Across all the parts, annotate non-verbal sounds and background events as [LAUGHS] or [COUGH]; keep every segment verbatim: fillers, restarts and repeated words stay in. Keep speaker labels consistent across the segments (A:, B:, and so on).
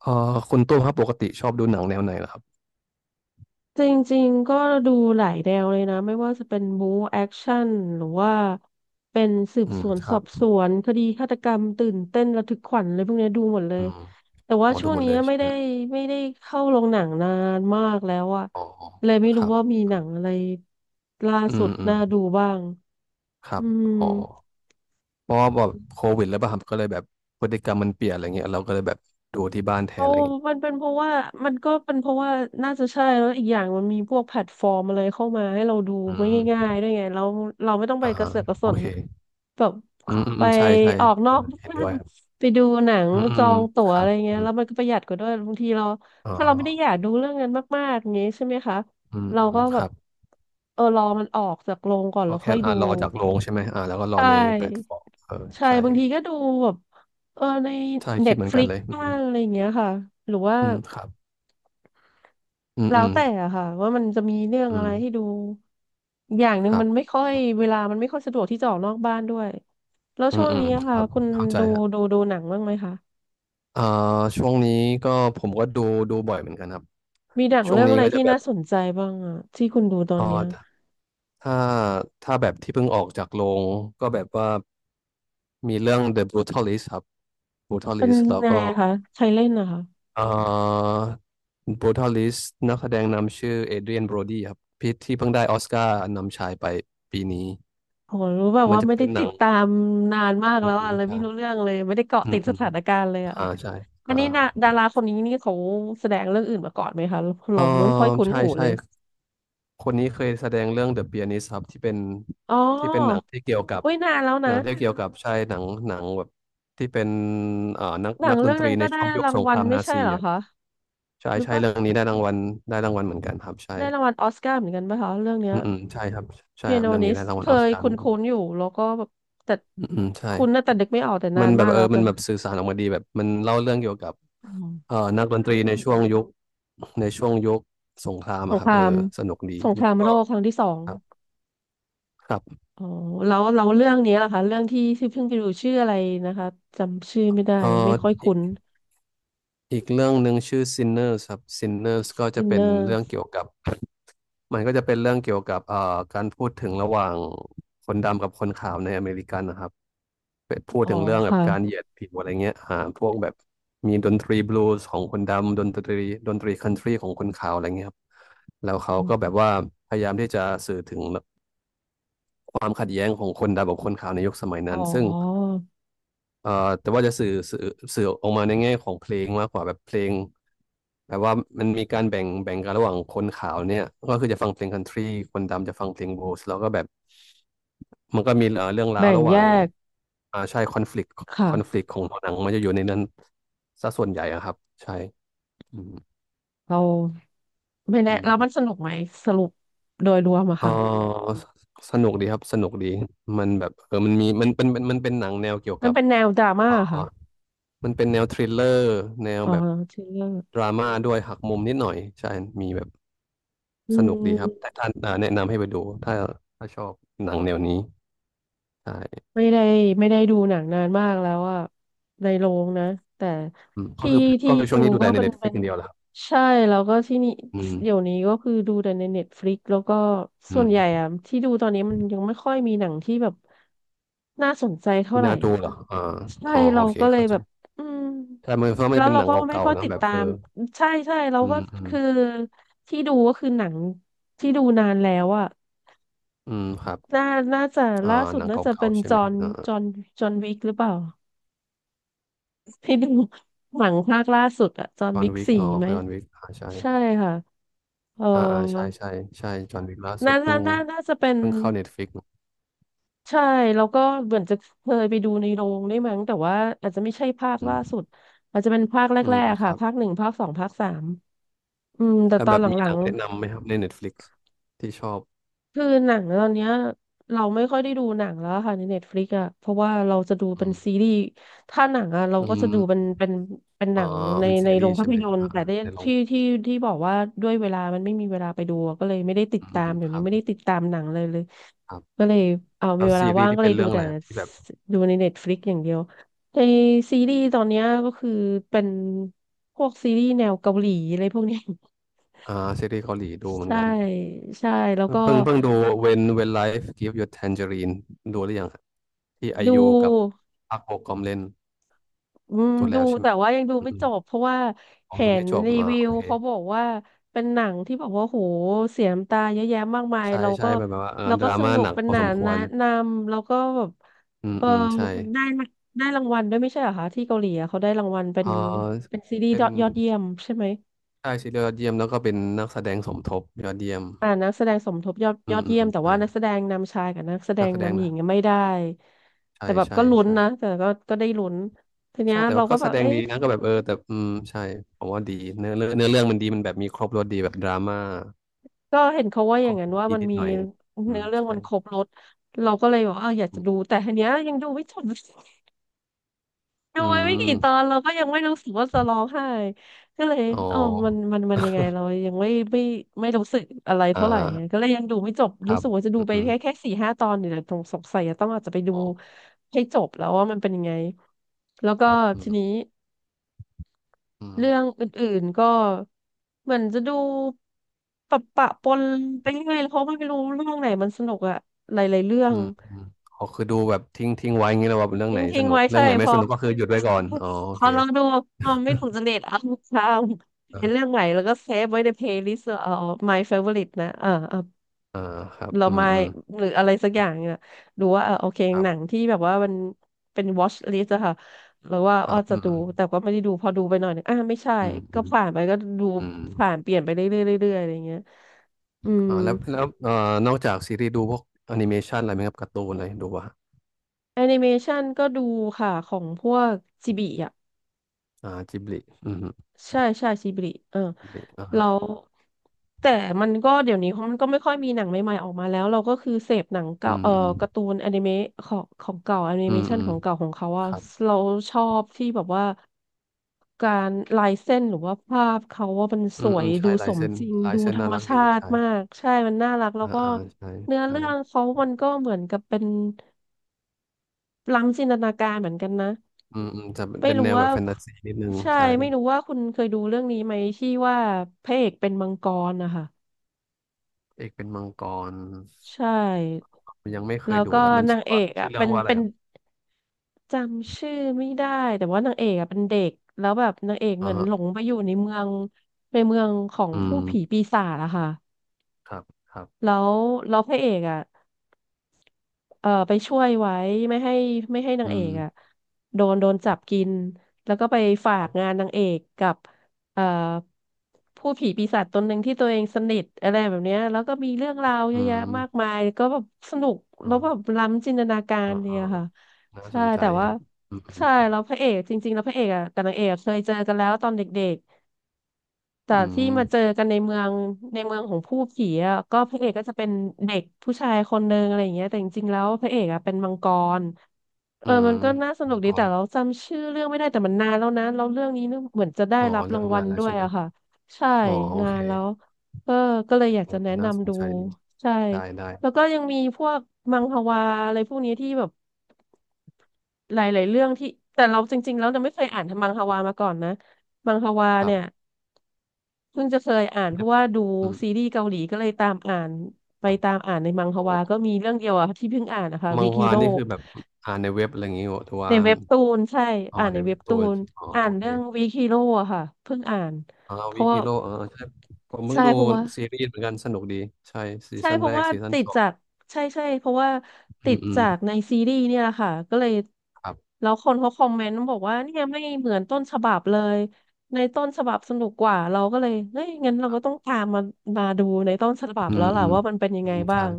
A: เอ่อคุณตุ้มครับปกติชอบดูหนังแนวไหนเหรอครับ
B: จริงๆก็ดูหลายแนวเลยนะไม่ว่าจะเป็นบู๊แอคชั่นหรือว่าเป็นสืบ
A: อื
B: ส
A: ม
B: วน
A: ค
B: ส
A: รั
B: อ
A: บ
B: บสวนคดีฆาตกรรมตื่นเต้นระทึกขวัญอะไรพวกเนี้ยดูหมดเลย
A: อืม
B: แต่ว่า
A: อ๋อดู
B: ช่วง
A: หมด
B: นี้
A: เลยใช่
B: ไม่
A: ไหม
B: ได้
A: ฮะ
B: ไม่ได้เข้าโรงหนังนานมากแล้วอะ
A: อ๋อ
B: เลยไม่
A: ค
B: รู้
A: รับ
B: ว่ามีหนังอะไรล่า
A: อื
B: สุ
A: ม
B: ด
A: อืม
B: น่าดูบ้าง
A: ครั
B: อื
A: บ
B: ม
A: อ๋อเพราะว่าแบบโควิดแล้วป่ะครับก็เลยแบบพฤติกรรมมันเปลี่ยนอะไรเงี้ยเราก็เลยแบบดูที่บ้านแท
B: โอ้
A: นอะไรเงี้ย
B: มันเป็นเพราะว่ามันก็เป็นเพราะว่าน่าจะใช่แล้วอีกอย่างมันมีพวกแพลตฟอร์มอะไรเข้ามาให้เราดู
A: อื
B: ไม่
A: ม
B: ง่ายๆด้วยไงเราเราไม่ต้องไป
A: อ่า
B: กระ
A: ฮะ
B: เสือกกระส
A: โอ
B: น
A: เค
B: แบบ
A: อืมอืม
B: ไป
A: อืมใช่ใช่
B: ออกน
A: เอ
B: อ
A: อ
B: ก
A: เห็น
B: บ้า
A: ด้ว
B: น
A: ยครับ
B: ไปดูหนัง
A: อืมอื
B: จ
A: ม
B: อ
A: อืม
B: งตั๋ว
A: ค
B: อะ
A: รั
B: ไร
A: บ
B: เงี้
A: อื
B: ยแล้ว
A: ม
B: มันก็ประหยัดกว่าด้วยบางทีเรา
A: อ๋อ
B: ถ้าเราไม่ได้อยากดูเรื่องนั้นมากๆอย่างงี้ใช่ไหมคะ
A: อืม
B: เรา
A: อื
B: ก็
A: มค
B: แบบ
A: รับ
B: เออรอมันออกจากโรงก่อนแล้
A: ก็
B: วค่
A: แค่
B: อยดู
A: อ่ารอจากโรงใช่ไหมอ่าแล้วก็ร
B: ใช
A: อในแพลต
B: ่
A: ฟอร์มเออ
B: ใช่
A: ใช่
B: บางทีก็ดูแบบเออใน
A: ใช่
B: เน็
A: คิด
B: ต
A: เหมือ
B: ฟ
A: นกั
B: ลิ
A: น
B: ก
A: เลยอื
B: บ้า
A: ม
B: งอะไรอย่างเงี้ยค่ะหรือว่า
A: อืมครับอืม
B: แล้
A: อื
B: ว
A: ม
B: แต่อะค่ะว่ามันจะมีเรื่อง
A: อื
B: อะไร
A: ม
B: ให้ดูอย่างหนึ่
A: ค
B: ง
A: รั
B: มั
A: บ
B: นไม่ค่อยเวลามันไม่ค่อยสะดวกที่จะออกนอกบ้านด้วยแล้ว
A: อื
B: ช่
A: ม
B: วง
A: อืม
B: นี้อะ
A: ค
B: ค่ะ
A: รับ
B: คุณ
A: เข้าใจ
B: ดู
A: ครั
B: ดู
A: บ
B: ดูหนังบ้างไหมคะ
A: อ่าช่วงนี้ก็ผมก็ดูดูบ่อยเหมือนกันครับ
B: มีหนัง
A: ช่วง
B: เรื่อง
A: นี้
B: อะไร
A: ก็จะ
B: ที่
A: แบ
B: น่า
A: บ
B: สนใจบ้างอะที่คุณดูตอน
A: เอ่อ
B: เนี้ย
A: ถ้าถ้าแบบที่เพิ่งออกจากโรงก็แบบว่ามีเรื่อง The Brutalist ครับ
B: เป็น
A: Brutalist แล้ว
B: ไง
A: ก็
B: อะคะใครเล่นนะคะ
A: เอ่อ Brutalist นักแสดงนำชื่อเอเดรียนโบรดีครับพี่ที่เพิ่งได้ออสการ์นำชายไปปีนี้
B: โหรู้แบบ
A: มัน
B: ว่า
A: จะ
B: ไม่
A: เป็
B: ได้
A: นห
B: ติ
A: นัง
B: ดตามนานมาก
A: อื
B: แล้
A: ม
B: ว
A: อื
B: อะ
A: ม
B: เลย
A: ใช่
B: ไม่รู้เรื่องเลยไม่ได้เกาะ
A: อื
B: ติ
A: ม
B: ด
A: อื
B: ส
A: ม
B: ถานการณ์เลยอะ
A: อ่าใช่
B: อั
A: อ่า
B: นนี้นะดาราคนนี้นี่เขาแสดงเรื่องอื่นมาก่อนไหมคะ
A: เอ
B: เรา
A: อ
B: ไม่ค่อยคุ้น
A: ใช่
B: หู
A: ใช่
B: เลย
A: คนนี้เคยแสดงเรื่อง The Pianist ครับที่เป็น
B: อ๋อ
A: ที่เป็นหนังที่เกี่ยวกับ
B: อุ้ยนานแล้ว
A: หนั
B: นะ
A: งที่เกี่ยวกับใช่หนังหนังแบบที่เป็นเอ่อนัก
B: หนั
A: นั
B: ง
A: กด
B: เรื่
A: น
B: อง
A: ตรี
B: นั้น
A: ใน
B: ก็ได้
A: ช่วงยุค
B: ราง
A: สงค
B: วัล
A: ราม
B: ไม่
A: นา
B: ใช่
A: ซี
B: เหรอ
A: อ่ะ
B: คะ
A: ใช่
B: หรือ
A: ใช่
B: ปะ
A: เรื่องนี้ได้รางวัลได้รางวัลเหมือนกันครับใช่
B: ได้รางวัลออสการ์เหมือนกันปะคะเรื่องเนี้
A: อื
B: ย
A: มอืมใช่ครับใช่
B: เปี
A: ค
B: ย
A: รับ
B: โน
A: เรื่อง
B: นิ
A: นี้
B: ส
A: ได้รางวั
B: เค
A: ลออส
B: ย
A: การ์
B: คุ
A: เหมือนกั
B: ้นๆ
A: น
B: อยู่แล้วก็แบบแต่
A: อืมอืมใช่
B: คุ้นนะแต่นึกไม่ออกแต่นา
A: มัน
B: น
A: แบ
B: มา
A: บ
B: ก
A: เอ
B: แล้
A: อ
B: วแต่
A: มันแบบสื่อสารออกมาดีแบบมันเล่าเรื่องเกี่ยวกับ
B: อ๋
A: เอ่อ
B: อ
A: นักดนตรีในช่วงยุคในช่วงยุคสงคราม
B: ส
A: อะ
B: ง
A: ค
B: ค
A: รับ
B: รา
A: เออ
B: ม
A: สนุกดี
B: สงค
A: แล้
B: รา
A: ว
B: ม
A: ก็
B: โลกครั้งที่สอง
A: ครับครับ
B: อ๋อแล้วแล้วเรื่องนี้ล่ะคะเรื่องที่ที่เพิ่งไปดูชื่ออะไรนะคะจำชื่อไม่ได้
A: เอ่
B: ไม่ค่อย
A: อ
B: คุ้น
A: อีกเรื่องหนึ่งชื่อ Sinners ครับ Sinners ก็จะเป็นเรื่อง
B: Sinners
A: เกี่ยวกับมันก็จะเป็นเรื่องเกี่ยวกับเอ่อการพูดถึงระหว่างคนดำกับคนขาวในอเมริกันนะครับเป็นพูด
B: อ๋อ
A: ถึงเรื่องแบบ
B: ค่ะ
A: การเหยียดผิวอะไรเงี้ยอ่าพวกแบบมีดนตรีบลูส์ของคนดำดนตรีดนตรีคันทรีของคนขาวอะไรเงี้ยครับแล้วเขาก็แบบว่าพยายามที่จะสื่อถึงความขัดแย้งของคนดำกับคนขาวในยุคสมัย
B: อ๋อ
A: นั้นซึ่ง เอ่อแต่ว่าจะสื่อสื่อสื่อออกมาในแง่ของเพลงมากกว่าแบบเพลงแบบว่ามันมีการแบ่งแบ่งกันระหว่างคนขาวเนี่ยก็คือจะฟังเพลงคันทรีคนดำจะฟังเพลงบลูส์แล้วก็แบบมันก็มีเอ่อเรื่องราว
B: แบ่ง
A: ระห
B: แย
A: ว่าง
B: ก
A: อ่าใช่คอนฟ lict
B: ค
A: คอนฟ lict
B: ่ะ
A: ของหนังมันจะอยู่ในนั้นซะส่วนใหญ่อะครับใช่อืม
B: เรา ไม่แน่
A: อื
B: แล้วมันส
A: ม
B: นุกไหมสรุปโดยรวมอะ
A: เออ
B: ค่ะ
A: สสนุกดีครับสนุกดีมันแบบเออมันมีมันเป็นมันมันเป็นหนังแนวเกี่ยว
B: มัน
A: กับ
B: เป็นแนวดราม่าค่ะ
A: มันเป็นแนวทริลเลอร์แนว
B: อ๋อ
A: แบบ
B: ชื่อเรื่อง
A: ดราม่าด้วยหักมุมนิดหน่อยใช่มีแบบ
B: อื
A: สนุกดีครับ
B: ม
A: แต่ท่านอ่าแนะนำให้ไปดูถ้าถ้าชอบหนังแนวนี้ใช่
B: ไม่ได้ไม่ได้ดูหนังนานมากแล้วอะในโรงนะแต่
A: อืมก็
B: ที่
A: คือ
B: ที่
A: ก็คือช่
B: ดู
A: วงนี้ดู
B: ก็
A: แต่ใน
B: เป็นเป็
A: Netflix
B: น
A: อย่างเดียวแหละครับ
B: ใช่แล้วก็ที่นี่
A: อืม
B: เดี๋ยวนี้ก็คือดูแต่ในเน็ตฟลิกแล้วก็
A: อื
B: ส่วนใหญ่
A: ม
B: อะที่ดูตอนนี้มันยังไม่ค่อยมีหนังที่แบบน่าสนใจเท่า
A: ที่
B: ไหร่
A: น่าดู
B: อ่ะ
A: เหรออ่า
B: ใช่
A: อ๋อโอ
B: เรา
A: เค
B: ก็เลย
A: เข้า
B: แบ
A: ใจ
B: บอืม
A: แต่มันเพราะมัน
B: แล้
A: จะ
B: ว
A: เป็น
B: เรา
A: หนัง
B: ก็ไม่
A: เก่า
B: ค่อ
A: ๆ
B: ย
A: เน
B: ติ
A: อะ
B: ด
A: แบบ
B: ตา
A: เอ
B: ม
A: อ
B: ใช่ใช่เรา
A: อื
B: ก็
A: มอืม
B: คือที่ดูก็คือหนังที่ดูนานแล้วอะ
A: อืมครับ
B: น่าน่าจะ
A: อ่า
B: ล่าสุ
A: ห
B: ด
A: นังเก
B: น่าจะ
A: ่า
B: เป็น
A: ๆใช่
B: จ
A: ไห
B: อ
A: ม
B: ห์น
A: อ่า
B: จอห์นจอห์นวิกหรือเปล่าที่ดูหนังภาคล่าสุดอะจอห์น
A: จอห์
B: วิ
A: น
B: ก
A: วิก
B: สี่
A: อ๋อ
B: ไหม
A: จอห์นวิกอ่าใช่
B: ใช่ค่ะเออ
A: อ่าอ่าใช่ใช่ใช่จอห์นวิกล่าสุ
B: น่า
A: ดเพิ่
B: น่า
A: ง
B: น่าน่าจะเป็น
A: เพิ่งเข้าเน็ตฟลิก
B: ใช่ แล้วก็เหมือนจะเคยไปดูในโรงได้วยมั้งแต่ว่าอาจจะไม่ใช่ภาค
A: อื
B: ล่า
A: ม
B: สุดอาจจะเป็นภาคแร
A: อืม
B: กๆ
A: ค
B: ค่ะ
A: รับ
B: ภาคหนึ่งภาคสองภาคสามอืม แต่
A: แต่
B: ตอ
A: แบ
B: น
A: บ
B: ห
A: มี
B: ลั
A: หนั
B: ง
A: ง
B: ๆ
A: แนะนำไหมครับใน Netflix ที่ชอบ
B: คือหนังตอนเนี้ยเราไม่ค่อยได้ดูหนังแล้วค่ะในเน็ตฟลิกอะเพราะว่าเราจะดูเป็
A: อื
B: น
A: ม
B: ซีรีส์ถ้าหนังอะเรา
A: อื
B: ก็จะ
A: ม
B: ดูเป็นเป็นเป็นหนั
A: อ่า
B: งใน
A: เป็น
B: ใน
A: ซีรี
B: โรง
A: ส์
B: ภา
A: ใช่
B: พ
A: ไหม
B: ยนตร์
A: อ่า
B: แต่ได้
A: ในลอง
B: ที่ที่ที่บอกว่าด้วยเวลามันไม่มีเวลาไปดูอะก็เลยไม่ได้ติด
A: อื
B: ตา
A: ม
B: ม
A: อืม
B: เดี๋ย
A: ค
B: ว
A: รั
B: นี้
A: บ
B: ไม่ได้ติดตามหนังเลยเลย
A: ครับ
B: ก็เลยเอา
A: แล้
B: มี
A: ว
B: เว
A: ซี
B: ลา
A: รี
B: ว่า
A: ส์
B: ง
A: ที่
B: ก็เล
A: เป็น
B: ย
A: เรื่
B: ดู
A: องอะ
B: แต่
A: ไรครับที่แบบ
B: ดูในเน็ตฟลิกอย่างเดียวในซีรีส์ตอนเนี้ยก็คือเป็นพวกซีรีส์แนวเกาหลีอะไรพวกเนี้ย
A: อ่าซีรีส์เกาหลีดูเห
B: [LAUGHS]
A: มือน
B: ใช่
A: กัน
B: ใช่แล้วก็
A: เพิ่งเพิ่งดู When When Life g i v e You Tangerine ดูหรือยังครับที่ไอ
B: ดู
A: ยูกับพักโบกอมเล่น
B: อืม
A: ตัว
B: ดู
A: แล้วใช่ไหม
B: แต่ว่ายังดู
A: อื
B: ไม่
A: ม
B: จบเพราะว่า
A: อม
B: เห็
A: ดู
B: น
A: ไม่จบ
B: รี
A: อ่า
B: วิ
A: โอ
B: ว
A: เค
B: เขาบอกว่าเป็นหนังที่บอกว่าโหเสียน้ำตาเยอะแยะมากมาย
A: ใช่
B: เรา
A: ใช่
B: ก็
A: แบบว่าเออ
B: เรา
A: ด
B: ก็
A: รา
B: ส
A: ม่า
B: นุ
A: ห
B: ก
A: นัก
B: เป็น
A: พอ
B: หนั
A: สม
B: ง
A: คว
B: แนะ
A: ร
B: นำแล้วก็แบบ
A: อืม
B: เออ
A: อืมใช่
B: ได้มาได้รางวัลด้วยไม่ใช่เหรอคะที่เกาหลีอะเขาได้รางวัลเป็น
A: เออ
B: เป็นซีรีส์
A: เป็
B: ย
A: น
B: อดเยี่ยมใช่ไหม
A: ใช่ซีเรียลยอดเยี่ยมแล้วก็เป็นนักแสดงสมทบยอดเยี่ยม
B: อ่านักแสดงสมทบยอด
A: อื
B: ยอ
A: ม
B: ด
A: อื
B: เยี่ย
A: ม
B: มแต่
A: ใช่
B: ว่านักแสดงนำชายกับนักแสด
A: นัก
B: ง
A: แสดง
B: นำหญิ
A: นะ
B: งยังไม่ได้
A: ใช่
B: แต่แบบ
A: ใช่
B: ก็ลุ้น
A: ใช่
B: นะแต่ก็ก็ได้ลุ้นทีเนี้
A: ใช่
B: ย
A: แต่
B: เรา
A: ว่า
B: ก็
A: ก็
B: แบ
A: แส
B: บ
A: ดง
B: เอ๊ะ
A: ดีนะก็แบบเออแต่อืมใช่ผมว่าดีเนื้อเรื่องเนื้อเรื่องมันดีมันแบบมีครบรสดีแบบดราม่า
B: ก็เห็นเขาว่าอ
A: คร
B: ย่าง
A: บ
B: นั้นว่า
A: ดี
B: มัน
A: นิด
B: มี
A: หน่อยอื
B: เนื้
A: ม
B: อเรื่อง
A: ใช่
B: มันครบรสเราก็เลยบอกว่าเอออยาก
A: อื
B: จะดู
A: ม
B: แต่ทีเนี้ยยังดูไม่จบ [LAUGHS] ดู
A: อื
B: ไปไม่กี่ตอ
A: ม
B: นเราก็ยังไม่รู้สึกว่าจะร้องไห้ก็เลย
A: อ๋อ
B: เอ๋อมันมันมันยังไง
A: [LAUGHS]
B: เรายังไม่ไม่ไม่รู้สึกอะไร
A: อ่
B: เท่าไหร่ก็
A: า
B: เลยยังดูไม่จบ
A: ค
B: รู้
A: รับ
B: สึกว่าจะดู
A: อืม
B: ไป
A: อืม
B: แค่แค่สี่ห้าตอนเดี๋ยวนะตรงสงสัยจะต้องอาจจะไปดู
A: อ๋อ
B: ให้จบแล้วว่ามันเป็นยังไงแล้วก็
A: ครับอื
B: ทีนี้
A: มอืม
B: เรื่องอื่นๆก็เหมือนจะดูปะปะปนไปเรื่อยเพราะไม่รู้เรื่องไหนมันสนุกอะหลายๆเรื่อ
A: อื
B: ง
A: มอืมอ๋อคือดูแบบทิ้งทิ้งไว้อย่างนี้เลยว่าเรื่อ
B: ท
A: งไหนส
B: ิ้งๆ
A: นุก
B: ไว้
A: เรื่อ
B: ใช่
A: งไหน
B: พ
A: ไม่
B: อ
A: สนุกก็คือหยุดไว้ก่อนอ๋อโอ
B: พอ
A: เค
B: เราดูเราไม่ถูกจริตเอาข้ามเห็นเรื่อง
A: อ่า
B: ใหม่แล้วก็เซฟไว้ในเพลย์ลิสต์เอา my favorite นะเออเออ
A: อ่าครับ
B: เรา
A: อืม
B: มา
A: อืม
B: หรืออะไรสักอย่างเนี่ยดูว่าเออโอเค
A: ครั
B: หนัง
A: บ
B: ที่แบบว่ามันเป็น watch list อะค่ะหรือว่า
A: ค
B: อ้อ
A: รับ
B: จะ
A: อื
B: ดู
A: ม
B: แต่ก็ไม่ได้ดูพอดูไปหน่อยหนึงอ่ะไม่ใช่
A: อืม
B: ก็
A: อืม
B: ผ่านไปก็ดู
A: อืม
B: ผ่านเปลี่ยนไปเรื่อยๆเรื่อยๆอะไรอย่างเงี้ยอืม
A: อ่าแล้วแล้วเอ่อนอกจากซีรีส์ดูพวกแอนิเมชันอะไรไหมครับการ์ตูนอะไรดูป่ะฮะ
B: แอนิเมชันก็ดูค่ะของพวกจิบิ
A: อ่า จิบลิอืม
B: ใช่ใช่ชิบริเออ
A: จิบลิอ่า
B: แล้
A: ฮะ
B: วแต่มันก็เดี๋ยวนี้มันก็ไม่ค่อยมีหนังใหม่ๆออกมาแล้วเราก็คือเสพหนัง
A: อื
B: เก่า
A: ม
B: เอ่อ
A: อืม
B: การ์ตูนอนิเมะของของเก่าแอนิ
A: อื
B: เม
A: ม
B: ชั
A: อื
B: นข
A: ม
B: องเก่าของเขาอะ
A: ครับ
B: เราชอบที่แบบว่าการลายเส้นหรือว่าภาพเขาว่ามันส
A: อืม
B: ว
A: อื
B: ย
A: ม
B: ดู
A: ใช่
B: ส
A: ลาย
B: ม
A: เส้น
B: จริง
A: ลาย
B: ดู
A: เส้น
B: ธร
A: น่า
B: รม
A: รักดี
B: ชาติ
A: ใช่
B: มากใช่มันน่ารักแล้ว
A: อ่า
B: ก็
A: อ่าใช่
B: เนื้อ
A: ใช่
B: เรื่องเขามันก็เหมือนกับเป็นล้ำจินตนาการเหมือนกันนะ
A: อืมอืมจะ
B: ไม่
A: เป็น
B: รู้
A: แนวแบ
B: ว่า
A: บแฟนตาซีนิดนึง
B: ใช่
A: ใช่
B: ไม่รู้ว่าคุณเคยดูเรื่องนี้ไหมที่ว่าพระเอกเป็นมังกรนะคะ
A: เอกเป็นมังกร
B: ใช่
A: ยังไม่เค
B: แล้
A: ย
B: ว
A: ดู
B: ก็
A: แล้วมัน
B: นาง
A: ชื่อ
B: เอ
A: ว่า
B: ก
A: ชื่
B: อ่ะ
A: อเรื่อ
B: เป็
A: ง
B: น
A: ว่าอะไร
B: เป็น
A: ครับ
B: จำชื่อไม่ได้แต่ว่านางเอกอ่ะเป็นเด็กแล้วแบบนางเอกเห
A: อ่า
B: มือน
A: ฮะ
B: หลงไปอยู่ในเมืองในเมืองของ
A: อืม
B: ผู้ผีปีศาจอะค่ะ
A: ครับ ครับ
B: แล้วแล้วพระเอกอ่ะ เอ่อไปช่วยไว้ไม่ให้ไม่ให้นา
A: อื
B: งเอ
A: ม
B: กอ่ะโดนโดนจับกินแล้วก็ไป
A: ค
B: ฝาก
A: รั
B: งา
A: บ
B: นนางเอกกับเอ่อผู้ผีปีศาจตนหนึ่งที่ตัวเองสนิทอะไรแบบเนี้ยแล้วก็มีเรื่องราวเย
A: อื
B: อะแยะมาก
A: ม
B: มายก็แบบสนุก
A: อ๋อ
B: แล้วแบบล้ำจินตนากา
A: อ๋
B: ร
A: ออ๋อ
B: เนี่ยค่ะ
A: น่า
B: ใช่
A: สนใจ
B: แต่ว่า
A: ครับอืม
B: ใช่แล้วพระเอกจริงๆแล้วพระเอกอ่ะกับนางเอกอะเคยเจอกันแล้วตอนเด็ก แต่
A: อื
B: ที่
A: ม
B: มาเจอกันในเมืองในเมืองของผู้ผีอ่ะก็พระเอกก็จะเป็นเด็กผู้ชายคนนึงอะไรอย่างเงี้ยแต่จริงๆแล้วพระเอกอ่ะเป็นมังกรเอ
A: อื
B: อ
A: ม
B: มันก็น่าสนุกดี
A: ก่อ
B: แต่
A: น
B: เราจำชื่อเรื่องไม่ได้แต่มันนานแล้วนะแล้วเรื่องนี้เนี่ยเหมือนจะได้
A: อ๋อ
B: รับ
A: เรื่
B: รา
A: อ
B: ง
A: ง
B: วั
A: นั้
B: ล
A: นแล้ว
B: ด้วย
A: ใช่ไหม
B: อะค่ะใช่
A: อ๋อ โอ
B: นา
A: เค
B: นแล้วเออก็เลยอยาก
A: เอ
B: จะ
A: อ
B: แนะ
A: น่าส
B: นำ
A: น
B: ดู
A: ใจดี
B: ใช่
A: ได้ ได้
B: แล้วก็ยังมีพวกมังฮวาอะไรพวกนี้ที่แบบหลายๆเรื่องที่แต่เราจริงๆแล้วเราไม่เคยอ่านมังฮวามาก่อนนะมังฮวา
A: ครั
B: เนี่ย
A: บ
B: เพิ่งจะเคยอ่านเพราะว่าดู
A: อืม
B: ซีรีส์เกาหลีก็เลยตามอ่านไป
A: ครับ
B: ตามอ่านในมังฮ
A: อ๋อ
B: วาก็มีเรื่องเดียวอะที่เพิ่งอ่านนะคะ
A: มั
B: วี
A: งฮ
B: คิ
A: วา
B: โร่
A: นี่คือแบบ อ่านในเว็บอะไรอย่างงี้เหรอหรือ
B: ใน
A: ว่า
B: เว็บตูนใช่
A: อ๋อ
B: อ่าน
A: ใน
B: ในเว็
A: เว็
B: บ
A: บ
B: ตู
A: ตัว
B: น
A: อ๋อ
B: อ่า
A: โอ
B: น
A: เค
B: เรื่องวีคิโร่อะค่ะเพิ่งอ่าน
A: อ๋อ
B: เพ
A: วิ
B: ราะว่า
A: คิโร่อ๋อใช่ผมเพิ่
B: ใช่
A: งดู
B: เพราะว่า
A: ซีรีส์เหมือนกันสนุกดี ใช่ ซี
B: ใช่
A: ซั่น
B: เพ
A: แร
B: ราะ
A: ก
B: ว่า
A: ซีซั่น
B: ติด
A: สอ
B: จา
A: ง
B: กใช่ใช่เพราะว่า
A: อื
B: ติด
A: มอืม
B: จากในซีรีส์เนี่ยแหละค่ะก็เลย
A: ครับ
B: แล้วคนเขาคอมเมนต์บอกว่าเนี่ยไม่เหมือนต้นฉบับเลยในต้นฉบับสนุกกว่าเราก็เลยเฮ้ยงั้นเราก็ต้องตามมามาดูในต้นฉบับ
A: อื
B: แล้ว
A: ม
B: ล่ะ
A: อืม
B: ว่ามันเป็นยัง
A: อื
B: ไง
A: ม
B: บ้า
A: ใช่
B: ง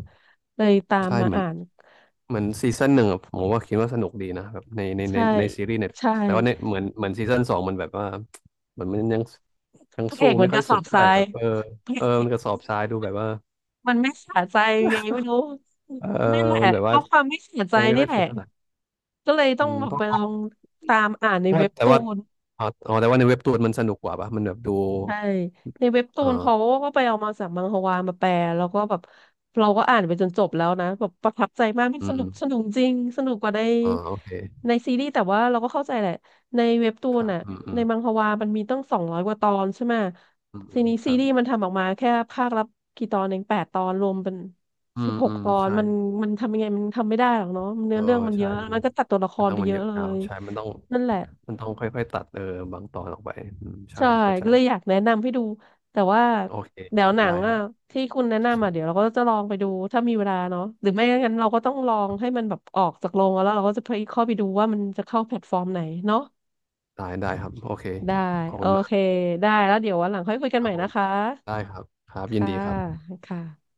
B: เลยตาม
A: ใช่
B: มา
A: เหมือน
B: อ่าน
A: เหมือนซีซั่นหนึ่งอะผมว่าคิดว่าสนุกดีนะแบบในในใน
B: ใช่
A: ในซีรีส์เน็ต
B: ใช่
A: แต่ว่าในเหมือนเหมือนซีซั่นสองมันแบบว่าเหมือนมันยังยัง
B: พระเอ
A: สู้
B: กเหมื
A: ไม่
B: อนก
A: ค่อ
B: ระ
A: ย
B: ส
A: สุ
B: อ
A: ด
B: บท
A: เท่าไหร่
B: ราย
A: แบบเออ
B: [LAUGHS] พ
A: เอ
B: ระ
A: อ
B: เอ
A: มั
B: ก
A: นกระสอบทรายดูแบบว่า
B: มันไม่สะใจยังไงไม่รู้
A: เออ
B: นั่นแหละ
A: มันแบบ
B: เพ
A: ว่า
B: ราะความไม่สะใจ
A: ยังไม่
B: นี่
A: ค่อย
B: แห
A: สุ
B: ละ
A: ดเท่าไหร่
B: ก็เลยต้
A: อื
B: อง
A: ม
B: แบบ
A: เพ
B: ไปลอ
A: ราะ
B: งตามอ่านใน
A: เพราะ
B: เว็บ
A: แต่
B: ตู
A: ว่า
B: น
A: อ๋ออ๋อแต่ว่าในเว็บตูนมันสนุกกว่าปะมันแบบดู
B: ใช่ในเว็บตูนเขา
A: อ่า
B: ก็ไปเอามาจากมังฮวามาแปลแล้วก็แบบเราก็อ่านไปจนจบแล้วนะแบบประทับใจมากมัน
A: อื
B: สนุก
A: ม
B: สนุกจริงสนุกกว่าใน
A: อ่าโอเค
B: ในซีรีส์แต่ว่าเราก็เข้าใจแหละในเว็บตู
A: ค
B: น
A: รับ
B: อ่ะ
A: อืมอื
B: ใน
A: ม
B: มังฮวามันมีตั้งสองร้อยกว่าตอนใช่ไหม
A: อืมอื
B: ซี
A: ม
B: นี้
A: ค
B: ซี
A: รับ
B: รีส์มันทำออกมาแค่ภาคละกี่ตอนเองแปดตอนรวมเป็น
A: อื
B: สิบ
A: ม
B: หก
A: อืม
B: ตอน
A: ใช่
B: มันมันทำยังไงมันทำไม่ได้หรอกเนาะเนื้
A: เอ
B: อ
A: อ
B: เรื่องมันเย
A: ใช่
B: อะ
A: มัน
B: มันก็ตัดตัวละคร
A: เรื่อ
B: ไป
A: งมัน
B: เย
A: เย
B: อะ
A: อะ
B: เล
A: ยาว
B: ย
A: ใช่มันต้อง
B: นั่นแหละ
A: มันต้องค่อยๆตัดเออบางตอนออกไปอืมใช่
B: ใช่
A: เข้าใจ
B: ก็เลยอยากแนะนำให้ดูแต่ว่า
A: โอเค
B: เดี๋ยวหนัง
A: ได้ครั
B: อ่ะ
A: บ
B: ที่คุณแนะนำอ่ะเดี๋ยวเราก็จะลองไปดูถ้ามีเวลาเนาะหรือไม่งั้นเราก็ต้องลองให้มันแบบออกจากโรงแล้วเราก็จะไปเข้าไปดูว่ามันจะเข้าแพลตฟอร์มไหนเนาะ
A: ได้ได้ครับโอเค
B: ได้
A: ขอบ
B: โอ
A: คุณมาก
B: เคได้แล้วเดี๋ยววันหลังค่อยคุยกัน
A: ค
B: ให
A: รั
B: ม่
A: บผ
B: นะ
A: ม
B: คะ
A: ได้ครับครับยิน
B: ค่ะ
A: ดีครับ
B: ค่ะ